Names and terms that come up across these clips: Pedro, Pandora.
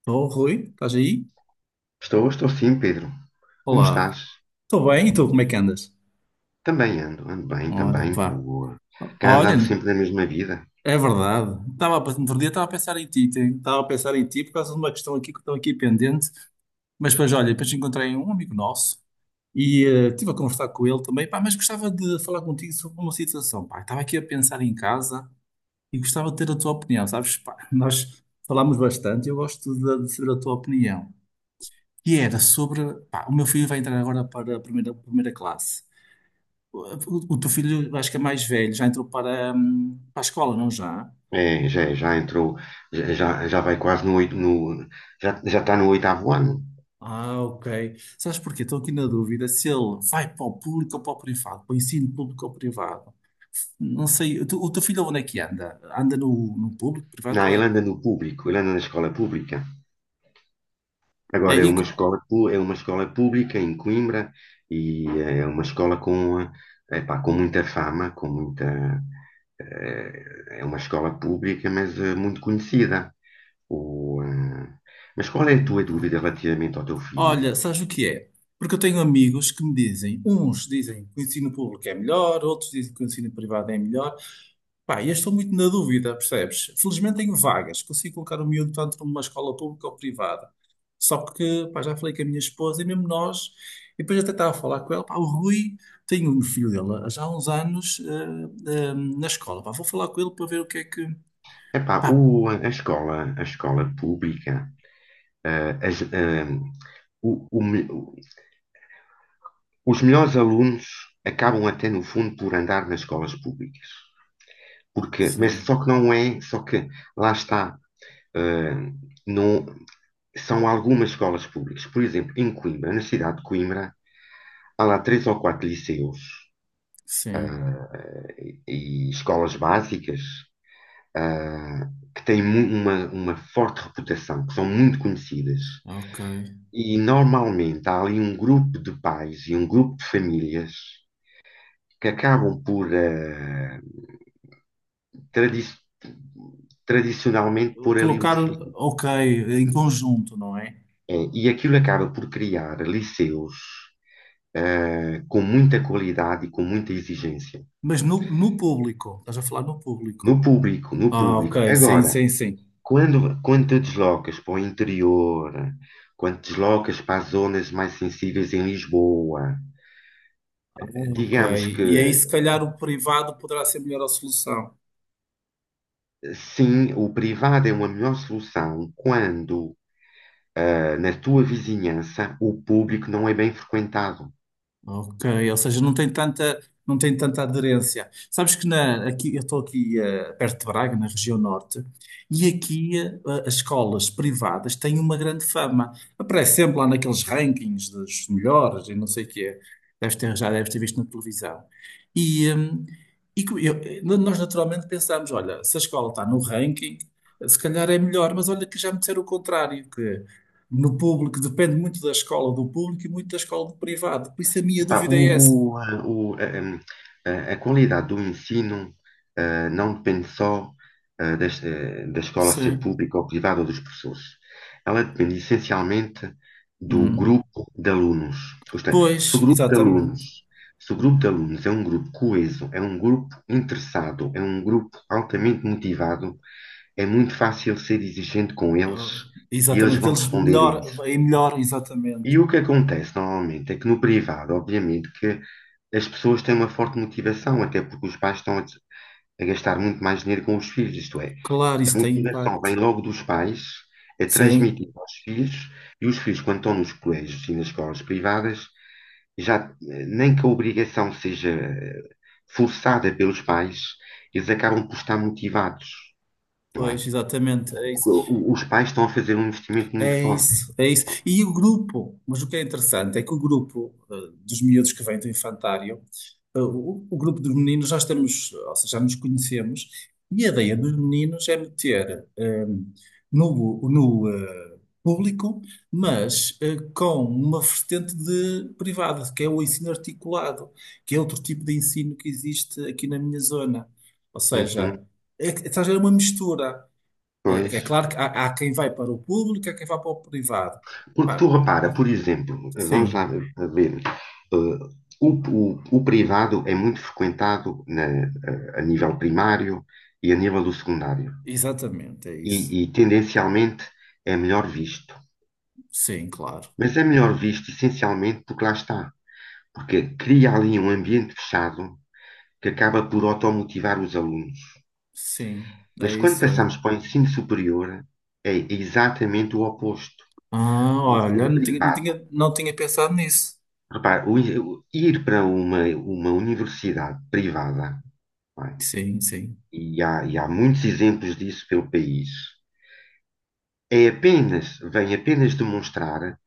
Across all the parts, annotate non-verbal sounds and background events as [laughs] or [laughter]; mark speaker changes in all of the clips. Speaker 1: Estou, Rui, estás aí?
Speaker 2: Estou, estou sim, Pedro. Como estás?
Speaker 1: Olá. Estou bem, e tu, como é que andas?
Speaker 2: Também ando bem,
Speaker 1: Olha,
Speaker 2: também.
Speaker 1: pá.
Speaker 2: Boa. Cá andamos
Speaker 1: Olha,
Speaker 2: sempre na mesma vida.
Speaker 1: é verdade. No outro dia estava a pensar em ti por causa de uma questão aqui que estou aqui pendente. Mas depois, olha, depois encontrei um amigo nosso e estive a conversar com ele também, pá, mas gostava de falar contigo sobre uma situação, pá. Estava aqui a pensar em casa e gostava de ter a tua opinião, sabes? Pá, nós falámos bastante, eu gosto de saber a tua opinião. E era sobre, pá, o meu filho vai entrar agora para a primeira classe. O teu filho, acho que é mais velho, já entrou para a escola, não já?
Speaker 2: É, já entrou, já, já já vai quase no, já está no oitavo ano.
Speaker 1: Ah, ok. Sabes porquê? Estou aqui na dúvida se ele vai para o público ou para o privado, para o ensino público ou privado. Não sei, o teu filho onde é que anda? Anda no público, privado?
Speaker 2: Não,
Speaker 1: Qual
Speaker 2: ele anda no público, ele anda na escola pública.
Speaker 1: é? É,
Speaker 2: Agora é
Speaker 1: e,
Speaker 2: uma
Speaker 1: co-
Speaker 2: escola, é uma escola pública em Coimbra e é uma escola com, epá, com muita fama, é uma escola pública, mas muito conhecida. O, ah, mas qual é a tua dúvida relativamente ao teu filho?
Speaker 1: Olha, sabes o que é? Porque eu tenho amigos que me dizem, uns dizem que o ensino público é melhor, outros dizem que o ensino privado é melhor. Pá, e eu estou muito na dúvida, percebes? Felizmente tenho vagas, consigo colocar o miúdo tanto numa escola pública ou privada. Só que, pá, já falei com a minha esposa e mesmo nós, e depois até estava a falar com ela, pá, o Rui tem um filho dele já há uns anos na escola, pá, vou falar com ele para ver o que é que.
Speaker 2: Epá,
Speaker 1: Pá,
Speaker 2: a escola pública, ah, as- ah, o- o me- os melhores alunos acabam até no fundo por andar nas escolas públicas. Porque, mas
Speaker 1: sim,
Speaker 2: só que não é, só que lá está, ah, não, são algumas escolas públicas. Por exemplo, em Coimbra, na cidade de Coimbra, há lá três ou quatro liceus
Speaker 1: sim,
Speaker 2: e escolas básicas ah, que têm uma forte reputação, que são muito conhecidas.
Speaker 1: ok.
Speaker 2: E normalmente há ali um grupo de pais e um grupo de famílias que acabam por, tradi- tradicionalmente, pôr ali os
Speaker 1: Colocar,
Speaker 2: filhos.
Speaker 1: ok, em conjunto, não é?
Speaker 2: É, e aquilo acaba por criar liceus, com muita qualidade e com muita exigência.
Speaker 1: Mas no público, estás a falar no público.
Speaker 2: No público, no
Speaker 1: Ah,
Speaker 2: público.
Speaker 1: ok, sim,
Speaker 2: Agora,
Speaker 1: sim, sim.
Speaker 2: quando te deslocas para o interior, quando te deslocas para as zonas mais sensíveis em Lisboa,
Speaker 1: Ah, ok,
Speaker 2: digamos que
Speaker 1: e aí se calhar o privado poderá ser melhor a solução.
Speaker 2: sim, o privado é uma melhor solução quando, na tua vizinhança o público não é bem frequentado.
Speaker 1: Ok, ou seja, não tem tanta aderência. Sabes que na, aqui, eu estou aqui perto de Braga, na região norte, e aqui as escolas privadas têm uma grande fama. Aparece sempre lá naqueles rankings dos melhores e não sei o quê. Já deves ter visto na televisão. E, nós naturalmente pensamos, olha, se a escola está no ranking, se calhar é melhor, mas olha que já me disseram o contrário, no público, depende muito da escola do público e muito da escola do privado. Por isso a minha
Speaker 2: Pá,
Speaker 1: dúvida é essa.
Speaker 2: a qualidade do ensino não depende só escola ser
Speaker 1: Sim.
Speaker 2: pública ou privada ou dos professores. Ela depende essencialmente do
Speaker 1: Hum.
Speaker 2: grupo de alunos. Isto é, se o
Speaker 1: Pois,
Speaker 2: grupo de alunos,
Speaker 1: exatamente.
Speaker 2: se o grupo de alunos é um grupo coeso, é um grupo interessado, é um grupo altamente motivado, é muito fácil ser exigente com eles
Speaker 1: Ah,
Speaker 2: e eles
Speaker 1: exatamente, que
Speaker 2: vão
Speaker 1: eles
Speaker 2: responder a
Speaker 1: melhor,
Speaker 2: isso.
Speaker 1: é melhor, exatamente.
Speaker 2: E o que acontece normalmente é que no privado, obviamente, que as pessoas têm uma forte motivação, até porque os pais estão a gastar muito mais dinheiro com os filhos, isto é,
Speaker 1: Claro, isso
Speaker 2: a
Speaker 1: tem
Speaker 2: motivação vem
Speaker 1: impacto.
Speaker 2: logo dos pais, é
Speaker 1: Sim,
Speaker 2: transmitida aos filhos, e os filhos, quando estão nos colégios e nas escolas privadas, já nem que a obrigação seja forçada pelos pais, eles acabam por estar motivados, não é?
Speaker 1: pois, exatamente, é
Speaker 2: Porque
Speaker 1: isso.
Speaker 2: os pais estão a fazer um investimento muito
Speaker 1: É
Speaker 2: forte.
Speaker 1: isso, é isso. E o grupo, mas o que é interessante é que o grupo dos miúdos que vêm do infantário, o grupo dos meninos nós temos, ou seja, já nos conhecemos, e a ideia dos meninos é meter eh, no, no eh, público, mas com uma vertente de privado, que é o ensino articulado, que é outro tipo de ensino que existe aqui na minha zona. Ou seja,
Speaker 2: Uhum,
Speaker 1: estás a ver, é uma mistura. É
Speaker 2: pois.
Speaker 1: claro que há quem vai para o público, há quem vai para o privado.
Speaker 2: Porque tu
Speaker 1: Pá,
Speaker 2: repara, por exemplo, vamos lá
Speaker 1: sim,
Speaker 2: ver, ver, eh, o, o privado é muito frequentado a nível primário e a nível do secundário.
Speaker 1: exatamente, é
Speaker 2: E,
Speaker 1: isso.
Speaker 2: e, tendencialmente é melhor visto.
Speaker 1: Sim, claro.
Speaker 2: Mas é melhor visto essencialmente porque lá está. Porque cria ali um ambiente fechado que acaba por automotivar os alunos.
Speaker 1: Sim, é
Speaker 2: Mas quando
Speaker 1: isso, é.
Speaker 2: passamos para o ensino superior, é exatamente o oposto.
Speaker 1: Ah,
Speaker 2: O
Speaker 1: olha,
Speaker 2: ensino
Speaker 1: não tinha, não
Speaker 2: privado
Speaker 1: tinha, não tinha pensado nisso.
Speaker 2: Repare, ir para uma universidade privada, não é?
Speaker 1: Sim, sim.
Speaker 2: E há muitos exemplos disso pelo país, vem apenas demonstrar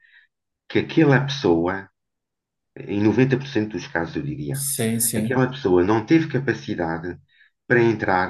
Speaker 2: que aquela pessoa, em 90% dos casos eu diria,
Speaker 1: Sim, sim.
Speaker 2: aquela pessoa não teve capacidade para entrar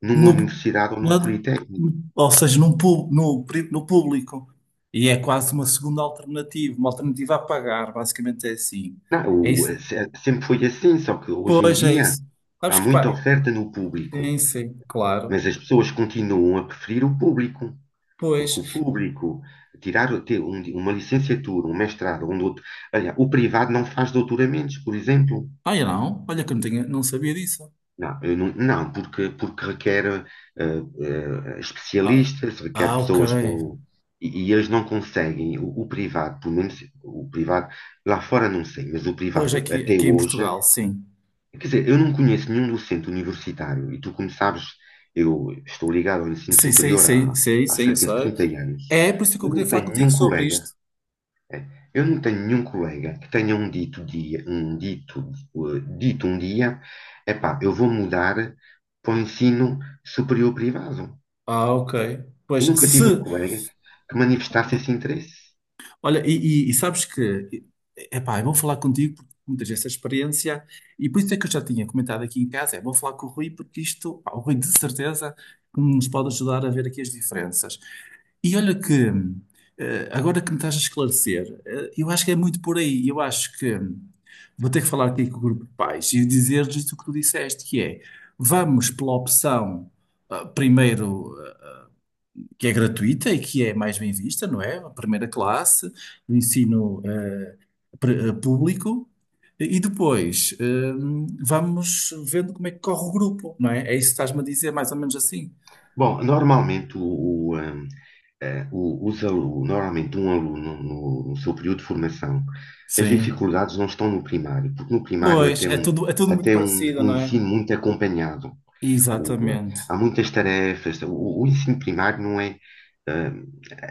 Speaker 2: numa
Speaker 1: No,
Speaker 2: universidade ou num
Speaker 1: lado-
Speaker 2: politécnico.
Speaker 1: Ou seja, num, pu- no, pri- no público. E é quase uma segunda alternativa, uma alternativa a pagar, basicamente é assim.
Speaker 2: Não,
Speaker 1: É isso.
Speaker 2: sempre foi assim, só que hoje em
Speaker 1: Pois é
Speaker 2: dia
Speaker 1: isso.
Speaker 2: há
Speaker 1: Sabes que
Speaker 2: muita
Speaker 1: pá,
Speaker 2: oferta no público,
Speaker 1: sim, sim, claro.
Speaker 2: mas as pessoas continuam a preferir o público.
Speaker 1: Pois.
Speaker 2: Porque o público, tirar o- ter um- uma licenciatura, um mestrado, um doutor... Olha, o privado não faz doutoramentos, por exemplo.
Speaker 1: Ah, eu não. Olha que eu não, não sabia disso.
Speaker 2: Não, eu não, não, porque requer
Speaker 1: Ah,
Speaker 2: especialistas, requer
Speaker 1: ah, ok.
Speaker 2: pessoas com... E eles não conseguem. O privado, pelo menos o privado, lá fora não sei, mas o
Speaker 1: Pois
Speaker 2: privado
Speaker 1: aqui,
Speaker 2: até
Speaker 1: aqui em
Speaker 2: hoje...
Speaker 1: Portugal, sim.
Speaker 2: Quer dizer, eu não conheço nenhum docente universitário. E tu, como sabes, eu estou ligado ao ensino
Speaker 1: Sim, sim,
Speaker 2: superior
Speaker 1: sim, sim,
Speaker 2: há
Speaker 1: sim, eu
Speaker 2: cerca de
Speaker 1: sei.
Speaker 2: 30 anos.
Speaker 1: É por isso que eu
Speaker 2: Eu
Speaker 1: queria
Speaker 2: não
Speaker 1: falar
Speaker 2: tenho
Speaker 1: contigo
Speaker 2: nenhum
Speaker 1: sobre
Speaker 2: colega
Speaker 1: isto.
Speaker 2: Eu não tenho nenhum colega que tenha dito um dia, epá, eu vou mudar para o ensino superior privado.
Speaker 1: Ah, ok. Pois,
Speaker 2: Eu
Speaker 1: se,
Speaker 2: nunca tive um
Speaker 1: se
Speaker 2: colega que manifestasse esse interesse.
Speaker 1: Olha, e sabes que, epá, é bom falar contigo porque tu tens essa experiência e por isso é que eu já tinha comentado aqui em casa, é bom falar com o Rui porque isto, pá, o Rui de certeza que nos pode ajudar a ver aqui as diferenças. E olha que, agora que me estás a esclarecer, eu acho que é muito por aí, eu acho que vou ter que falar aqui com o grupo de pais e dizer-lhes o que tu disseste, que é, vamos pela opção, primeiro que é gratuita e que é mais bem vista, não é? A primeira classe, o ensino público. E depois, vamos vendo como é que corre o grupo, não é? É isso que estás-me a dizer, mais ou menos assim.
Speaker 2: Bom, normalmente o, eh, o- os alu- normalmente um aluno no seu período de formação, as
Speaker 1: Sim.
Speaker 2: dificuldades não estão no primário, porque no primário
Speaker 1: Pois, é tudo, é tudo muito
Speaker 2: até um,
Speaker 1: parecido,
Speaker 2: um
Speaker 1: não é?
Speaker 2: ensino muito acompanhado. O, eh,
Speaker 1: Exatamente.
Speaker 2: Há muitas tarefas. O ensino primário não é, eh,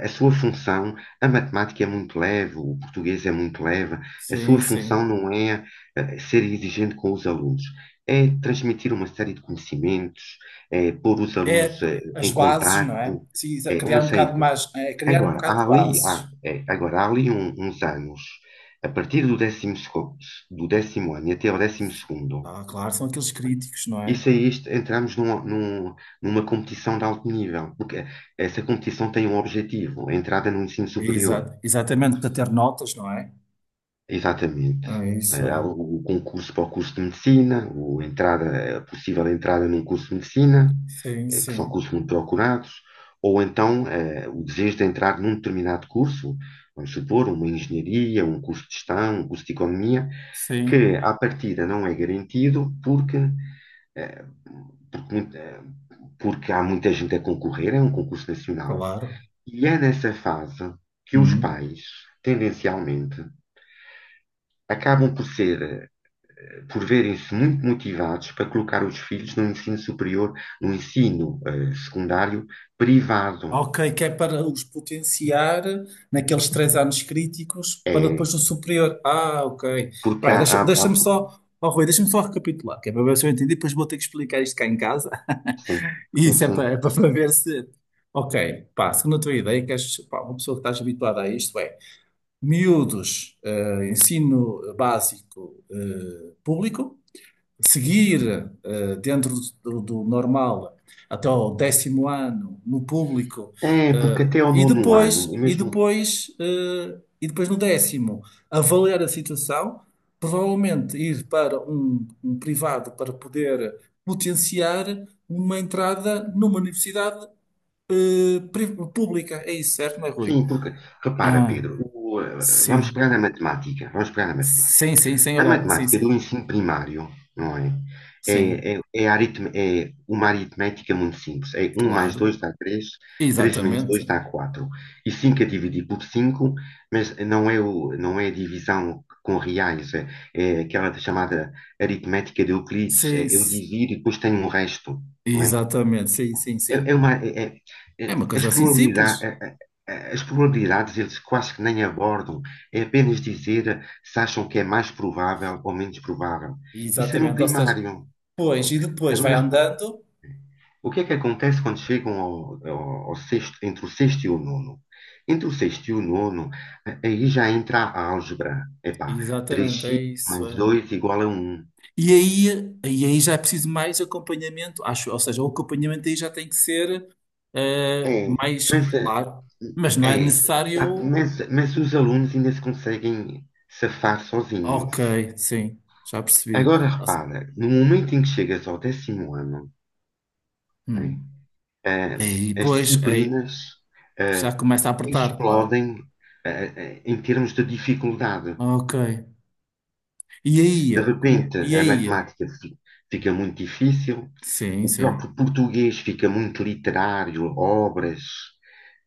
Speaker 2: a sua função, a matemática é muito leve, o português é muito leve, a sua
Speaker 1: Sim,
Speaker 2: função
Speaker 1: sim.
Speaker 2: não é, ser exigente com os alunos, é transmitir uma série de conhecimentos, é pôr os alunos,
Speaker 1: É as
Speaker 2: em
Speaker 1: bases, não é?
Speaker 2: contacto,
Speaker 1: Sim,
Speaker 2: é,
Speaker 1: criar
Speaker 2: uma
Speaker 1: um
Speaker 2: série de
Speaker 1: bocado
Speaker 2: coisas.
Speaker 1: mais, é criar um
Speaker 2: Agora,
Speaker 1: bocado
Speaker 2: há
Speaker 1: de
Speaker 2: ali, há,
Speaker 1: bases.
Speaker 2: é, agora, há ali uns anos, a partir do décimo ano e até ao décimo segundo,
Speaker 1: Ah, claro, são aqueles críticos, não é?
Speaker 2: isso aí isto, entramos numa competição de alto nível, porque essa competição tem um objetivo, a entrada no ensino superior.
Speaker 1: Exatamente, para ter notas, não é?
Speaker 2: Exatamente.
Speaker 1: É isso,
Speaker 2: Há
Speaker 1: é.
Speaker 2: o concurso para o curso de medicina, a possível entrada num curso de medicina,
Speaker 1: Sim,
Speaker 2: que são
Speaker 1: sim.
Speaker 2: cursos muito procurados, ou então o desejo de entrar num determinado curso, vamos supor, uma engenharia, um curso de gestão, um curso de economia, que
Speaker 1: Sim.
Speaker 2: à partida não é garantido porque, eh, porque, muito- eh, porque há muita gente a concorrer, é um concurso nacional.
Speaker 1: Claro.
Speaker 2: E é nessa fase que os
Speaker 1: Uhum.
Speaker 2: pais, tendencialmente, acabam por verem-se muito motivados para colocar os filhos no ensino secundário privado.
Speaker 1: Ok, que é para os potenciar naqueles 3 anos críticos para depois
Speaker 2: É,
Speaker 1: no superior. Ah, ok.
Speaker 2: porque
Speaker 1: Peraí,
Speaker 2: há,
Speaker 1: oh, Rui, deixa-me só recapitular, que é para ver se eu entendi, depois vou ter que explicar isto cá em casa. [laughs]
Speaker 2: sim,
Speaker 1: E
Speaker 2: sim,
Speaker 1: isso é
Speaker 2: sim.
Speaker 1: para, é para ver se. Ok, pá, segundo a tua ideia, que és, pá, uma pessoa que estás habituada a isto é miúdos, ensino básico, público. Seguir dentro do normal até o 10.º ano no público
Speaker 2: É, porque
Speaker 1: eh,
Speaker 2: até ao
Speaker 1: e
Speaker 2: nono ano,
Speaker 1: depois
Speaker 2: e
Speaker 1: e
Speaker 2: mesmo.
Speaker 1: depois eh, e depois no 10.º avaliar a situação, provavelmente ir para um privado para poder potenciar uma entrada numa universidade pública. É isso, certo, não é, Rui?
Speaker 2: Sim, porque, repara,
Speaker 1: Ah,
Speaker 2: Pedro, vamos
Speaker 1: sim.
Speaker 2: pegar na matemática, vamos pegar na matemática.
Speaker 1: Sim, sim, sim,
Speaker 2: A
Speaker 1: olha, sim,
Speaker 2: matemática
Speaker 1: sim.
Speaker 2: do ensino primário, não é?
Speaker 1: Sim,
Speaker 2: É uma aritmética muito simples. É um mais
Speaker 1: claro.
Speaker 2: 2 dá 3, 3 menos
Speaker 1: Exatamente.
Speaker 2: 2 dá 4. E 5 a dividir por 5, não é a divisão com reais, é aquela chamada aritmética de Euclides. É,
Speaker 1: Sim,
Speaker 2: eu divido e depois tenho um resto, não é?
Speaker 1: exatamente, sim, sim,
Speaker 2: É,
Speaker 1: sim.
Speaker 2: é uma, é- é- é,
Speaker 1: É uma
Speaker 2: as
Speaker 1: coisa assim simples.
Speaker 2: probabilidades, eles quase que nem abordam, é apenas dizer se acham que é mais provável ou menos provável. Isso era um
Speaker 1: Exatamente, ou seja,
Speaker 2: primário.
Speaker 1: pois, e depois vai
Speaker 2: Agora repara,
Speaker 1: andando.
Speaker 2: o que é que acontece quando chegam ao sexto, entre o sexto e o nono? Entre o sexto e o nono, aí já entra a álgebra. Epá,
Speaker 1: Exatamente,
Speaker 2: 3x
Speaker 1: é isso.
Speaker 2: mais
Speaker 1: É.
Speaker 2: 2 igual a um.
Speaker 1: E aí já é preciso mais acompanhamento, acho, ou seja, o acompanhamento aí já tem que ser
Speaker 2: É,
Speaker 1: mais
Speaker 2: mas, eh,
Speaker 1: claro, mas não é
Speaker 2: É,
Speaker 1: necessário.
Speaker 2: mas os alunos ainda se conseguem safar sozinhos.
Speaker 1: Ok, sim, já percebi.
Speaker 2: Agora
Speaker 1: Ou se-
Speaker 2: repara, no momento em que chegas ao décimo ano, né,
Speaker 1: Hum.
Speaker 2: eh, as
Speaker 1: Pois, aí,
Speaker 2: disciplinas
Speaker 1: já
Speaker 2: eh,
Speaker 1: começa a apertar, claro.
Speaker 2: explodem eh, em termos de dificuldade.
Speaker 1: Ok. E
Speaker 2: De
Speaker 1: aí, como,
Speaker 2: repente,
Speaker 1: e
Speaker 2: a
Speaker 1: aí?
Speaker 2: matemática fica muito difícil,
Speaker 1: Sim,
Speaker 2: o
Speaker 1: sim,
Speaker 2: próprio português fica muito literário, obras,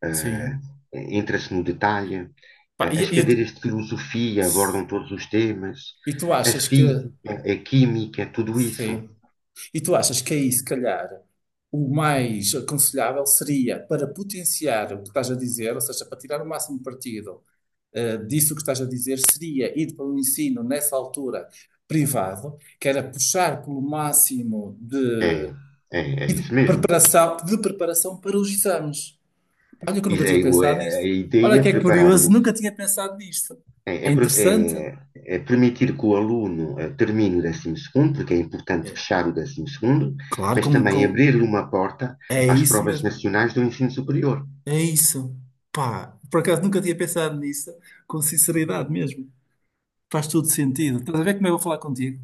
Speaker 2: eh,
Speaker 1: sim.
Speaker 2: entra-se no detalhe,
Speaker 1: Pá,
Speaker 2: as cadeiras de filosofia abordam todos os temas,
Speaker 1: E tu
Speaker 2: a
Speaker 1: achas que,
Speaker 2: física, a química, tudo isso.
Speaker 1: sim, e tu achas que aí, se calhar, o mais aconselhável seria para potenciar o que estás a dizer, ou seja, para tirar o máximo partido, disso que estás a dizer, seria ir para um ensino nessa altura privado, que era puxar pelo máximo
Speaker 2: É,
Speaker 1: de,
Speaker 2: é
Speaker 1: e de
Speaker 2: isso mesmo.
Speaker 1: preparação, de preparação para os exames. Olha que eu nunca tinha pensado
Speaker 2: A
Speaker 1: nisto. Olha
Speaker 2: ideia
Speaker 1: que
Speaker 2: é
Speaker 1: é
Speaker 2: preparar o,
Speaker 1: curioso, nunca tinha pensado nisto.
Speaker 2: É, é
Speaker 1: É
Speaker 2: pro-
Speaker 1: interessante.
Speaker 2: é- é permitir que o aluno termine o décimo segundo, porque é importante
Speaker 1: É,
Speaker 2: fechar o décimo segundo,
Speaker 1: claro,
Speaker 2: mas também abrir-lhe uma porta
Speaker 1: é
Speaker 2: às
Speaker 1: isso
Speaker 2: provas
Speaker 1: mesmo.
Speaker 2: nacionais do ensino superior.
Speaker 1: É isso. Pá, por acaso nunca tinha pensado nisso, com sinceridade mesmo. Faz todo sentido. Estás a ver como eu vou falar contigo?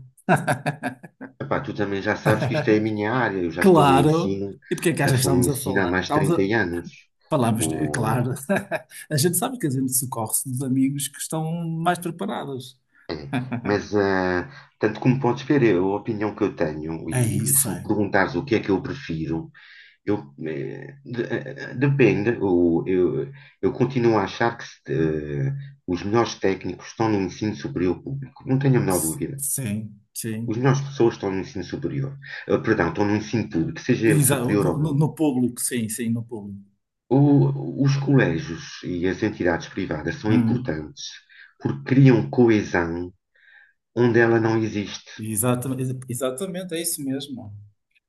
Speaker 2: Epá, tu também já sabes que isto é a minha área, eu já estou no
Speaker 1: Claro!
Speaker 2: ensino,
Speaker 1: E porque é que achas que estamos a
Speaker 2: há
Speaker 1: falar?
Speaker 2: mais de
Speaker 1: Estamos
Speaker 2: 30
Speaker 1: a...
Speaker 2: anos.
Speaker 1: Falamos, é
Speaker 2: O,
Speaker 1: claro. [laughs] A gente sabe que a gente socorre-se dos amigos que estão mais preparados.
Speaker 2: eh,
Speaker 1: [laughs]
Speaker 2: mas, eh, Tanto como podes ver, a opinião que eu tenho,
Speaker 1: É
Speaker 2: e
Speaker 1: isso,
Speaker 2: se me
Speaker 1: é.
Speaker 2: perguntares o que é que eu prefiro, Eu, eh, de- eh, eh, depende, eu continuo a achar que se, os melhores técnicos estão no ensino superior público, não tenho a menor dúvida.
Speaker 1: Sim,
Speaker 2: Os
Speaker 1: sim.
Speaker 2: melhores pessoas estão no ensino superior. Perdão, estão no ensino público, seja ele superior ou não.
Speaker 1: No público, sim, sim, no público.
Speaker 2: Os colégios e as entidades privadas são
Speaker 1: Hum.
Speaker 2: importantes porque criam coesão onde ela não existe.
Speaker 1: Exatamente, exatamente, é isso mesmo.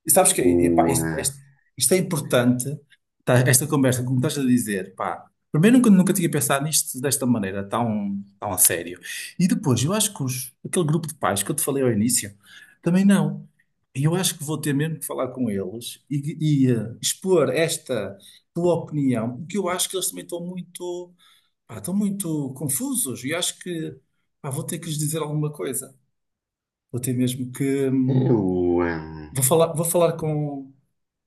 Speaker 1: E sabes que, epá,
Speaker 2: O, ah,
Speaker 1: isto é importante, tá, esta conversa, como estás a dizer, pá. Primeiro, nunca tinha pensado nisto desta maneira, tão a sério. E depois, eu acho que aquele grupo de pais que eu te falei ao início, também não. E eu acho que vou ter mesmo que falar com eles e, expor esta tua opinião, porque eu acho que eles também estão muito, pá, estão muito confusos e acho que, pá, vou ter que lhes dizer alguma coisa. Vou ter mesmo que.
Speaker 2: é o, ah,
Speaker 1: Vou falar com.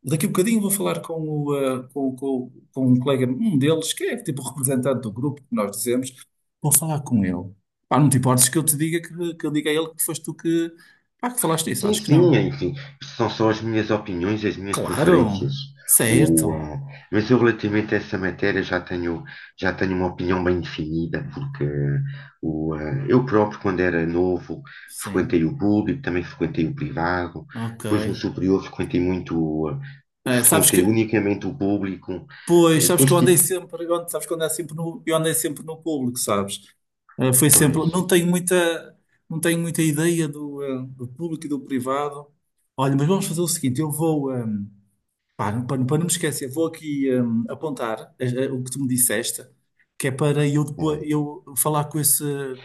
Speaker 1: Daqui a bocadinho vou falar com, o, eh, com um colega, um deles, que é tipo o representante do grupo, que nós dizemos. Vou falar com ele. Pá, não te importes que eu te diga que eu diga a ele que foste tu que, pá, que falaste isso?
Speaker 2: Sim,
Speaker 1: Acho que
Speaker 2: sim,
Speaker 1: não.
Speaker 2: enfim, são só as minhas opiniões e as minhas
Speaker 1: Claro,
Speaker 2: preferências. O,
Speaker 1: certo.
Speaker 2: ah, mas eu relativamente a essa matéria já tenho uma opinião bem definida, porque eu próprio, quando era novo, frequentei
Speaker 1: Sim,
Speaker 2: o público, também frequentei o privado,
Speaker 1: ok.
Speaker 2: depois no superior
Speaker 1: Sabes
Speaker 2: frequentei
Speaker 1: que,
Speaker 2: unicamente o público,
Speaker 1: pois,
Speaker 2: e
Speaker 1: sabes que
Speaker 2: depois
Speaker 1: eu andei
Speaker 2: tive,
Speaker 1: sempre, eu ando- sabes que eu andei sempre no, eu andei sempre no público, sabes? Foi sempre,
Speaker 2: pois,
Speaker 1: não tenho muita ideia do público e do privado. Olha, mas vamos fazer o seguinte, eu vou, eh, pá, não- para, não para não me esquecer, vou aqui apontar o que tu me disseste, que é para eu
Speaker 2: é,
Speaker 1: depois eu falar com esse,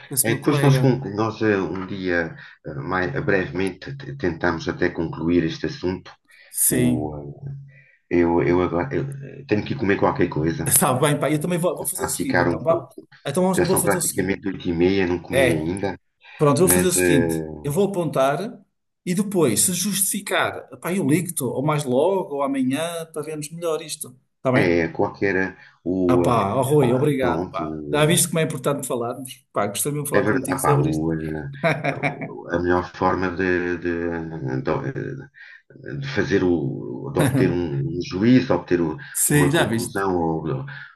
Speaker 1: com esse meu
Speaker 2: Depois
Speaker 1: colega.
Speaker 2: nós um dia, mais, brevemente, tentámos até concluir este assunto.
Speaker 1: Sim,
Speaker 2: O, eu agora eu tenho que ir comer qualquer coisa.
Speaker 1: [laughs] está bem, pá, eu também vou fazer
Speaker 2: Está
Speaker 1: o
Speaker 2: a
Speaker 1: seguinte,
Speaker 2: ficar
Speaker 1: então,
Speaker 2: um
Speaker 1: vá.
Speaker 2: pouco.
Speaker 1: Então eu
Speaker 2: Já
Speaker 1: vou
Speaker 2: são
Speaker 1: fazer o
Speaker 2: praticamente 8h30, não comi
Speaker 1: seguinte.
Speaker 2: ainda.
Speaker 1: Pronto, eu vou fazer o
Speaker 2: Mas
Speaker 1: seguinte: eu vou apontar e depois, se justificar, pá, eu ligo-te, ou mais logo, ou amanhã, para vermos melhor isto. Está bem?
Speaker 2: é qualquer.
Speaker 1: Ah, pá, oh, Rui,
Speaker 2: Epá,
Speaker 1: obrigado,
Speaker 2: pronto.
Speaker 1: pá. Já viste como é importante falarmos? Pá, gostei mesmo de
Speaker 2: É
Speaker 1: falar
Speaker 2: verdade.
Speaker 1: contigo
Speaker 2: Ah, pá,
Speaker 1: sobre isto. [laughs]
Speaker 2: a melhor forma de- de fazer o. de obter um juízo, obter
Speaker 1: Sim,
Speaker 2: uma
Speaker 1: já viste.
Speaker 2: conclusão ou,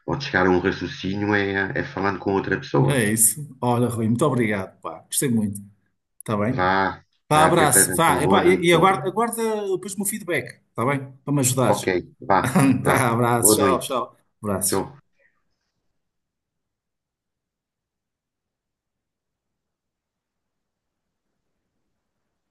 Speaker 2: ou de chegar a um raciocínio é falando com outra pessoa.
Speaker 1: É isso. Olha, Rui, muito obrigado, pá. Gostei muito. Está bem?
Speaker 2: Vá,
Speaker 1: Pá,
Speaker 2: vá, até
Speaker 1: abraço.
Speaker 2: breve
Speaker 1: Vá,
Speaker 2: então.
Speaker 1: e,
Speaker 2: Boa
Speaker 1: pá, e,
Speaker 2: noite,
Speaker 1: e
Speaker 2: Pedro.
Speaker 1: aguarda depois o meu feedback, está bem? Para me
Speaker 2: Ok,
Speaker 1: ajudares.
Speaker 2: vá,
Speaker 1: [laughs]
Speaker 2: vá.
Speaker 1: Tá, abraço,
Speaker 2: Boa
Speaker 1: tchau,
Speaker 2: noite.
Speaker 1: tchau.
Speaker 2: Tchau.
Speaker 1: Abraços.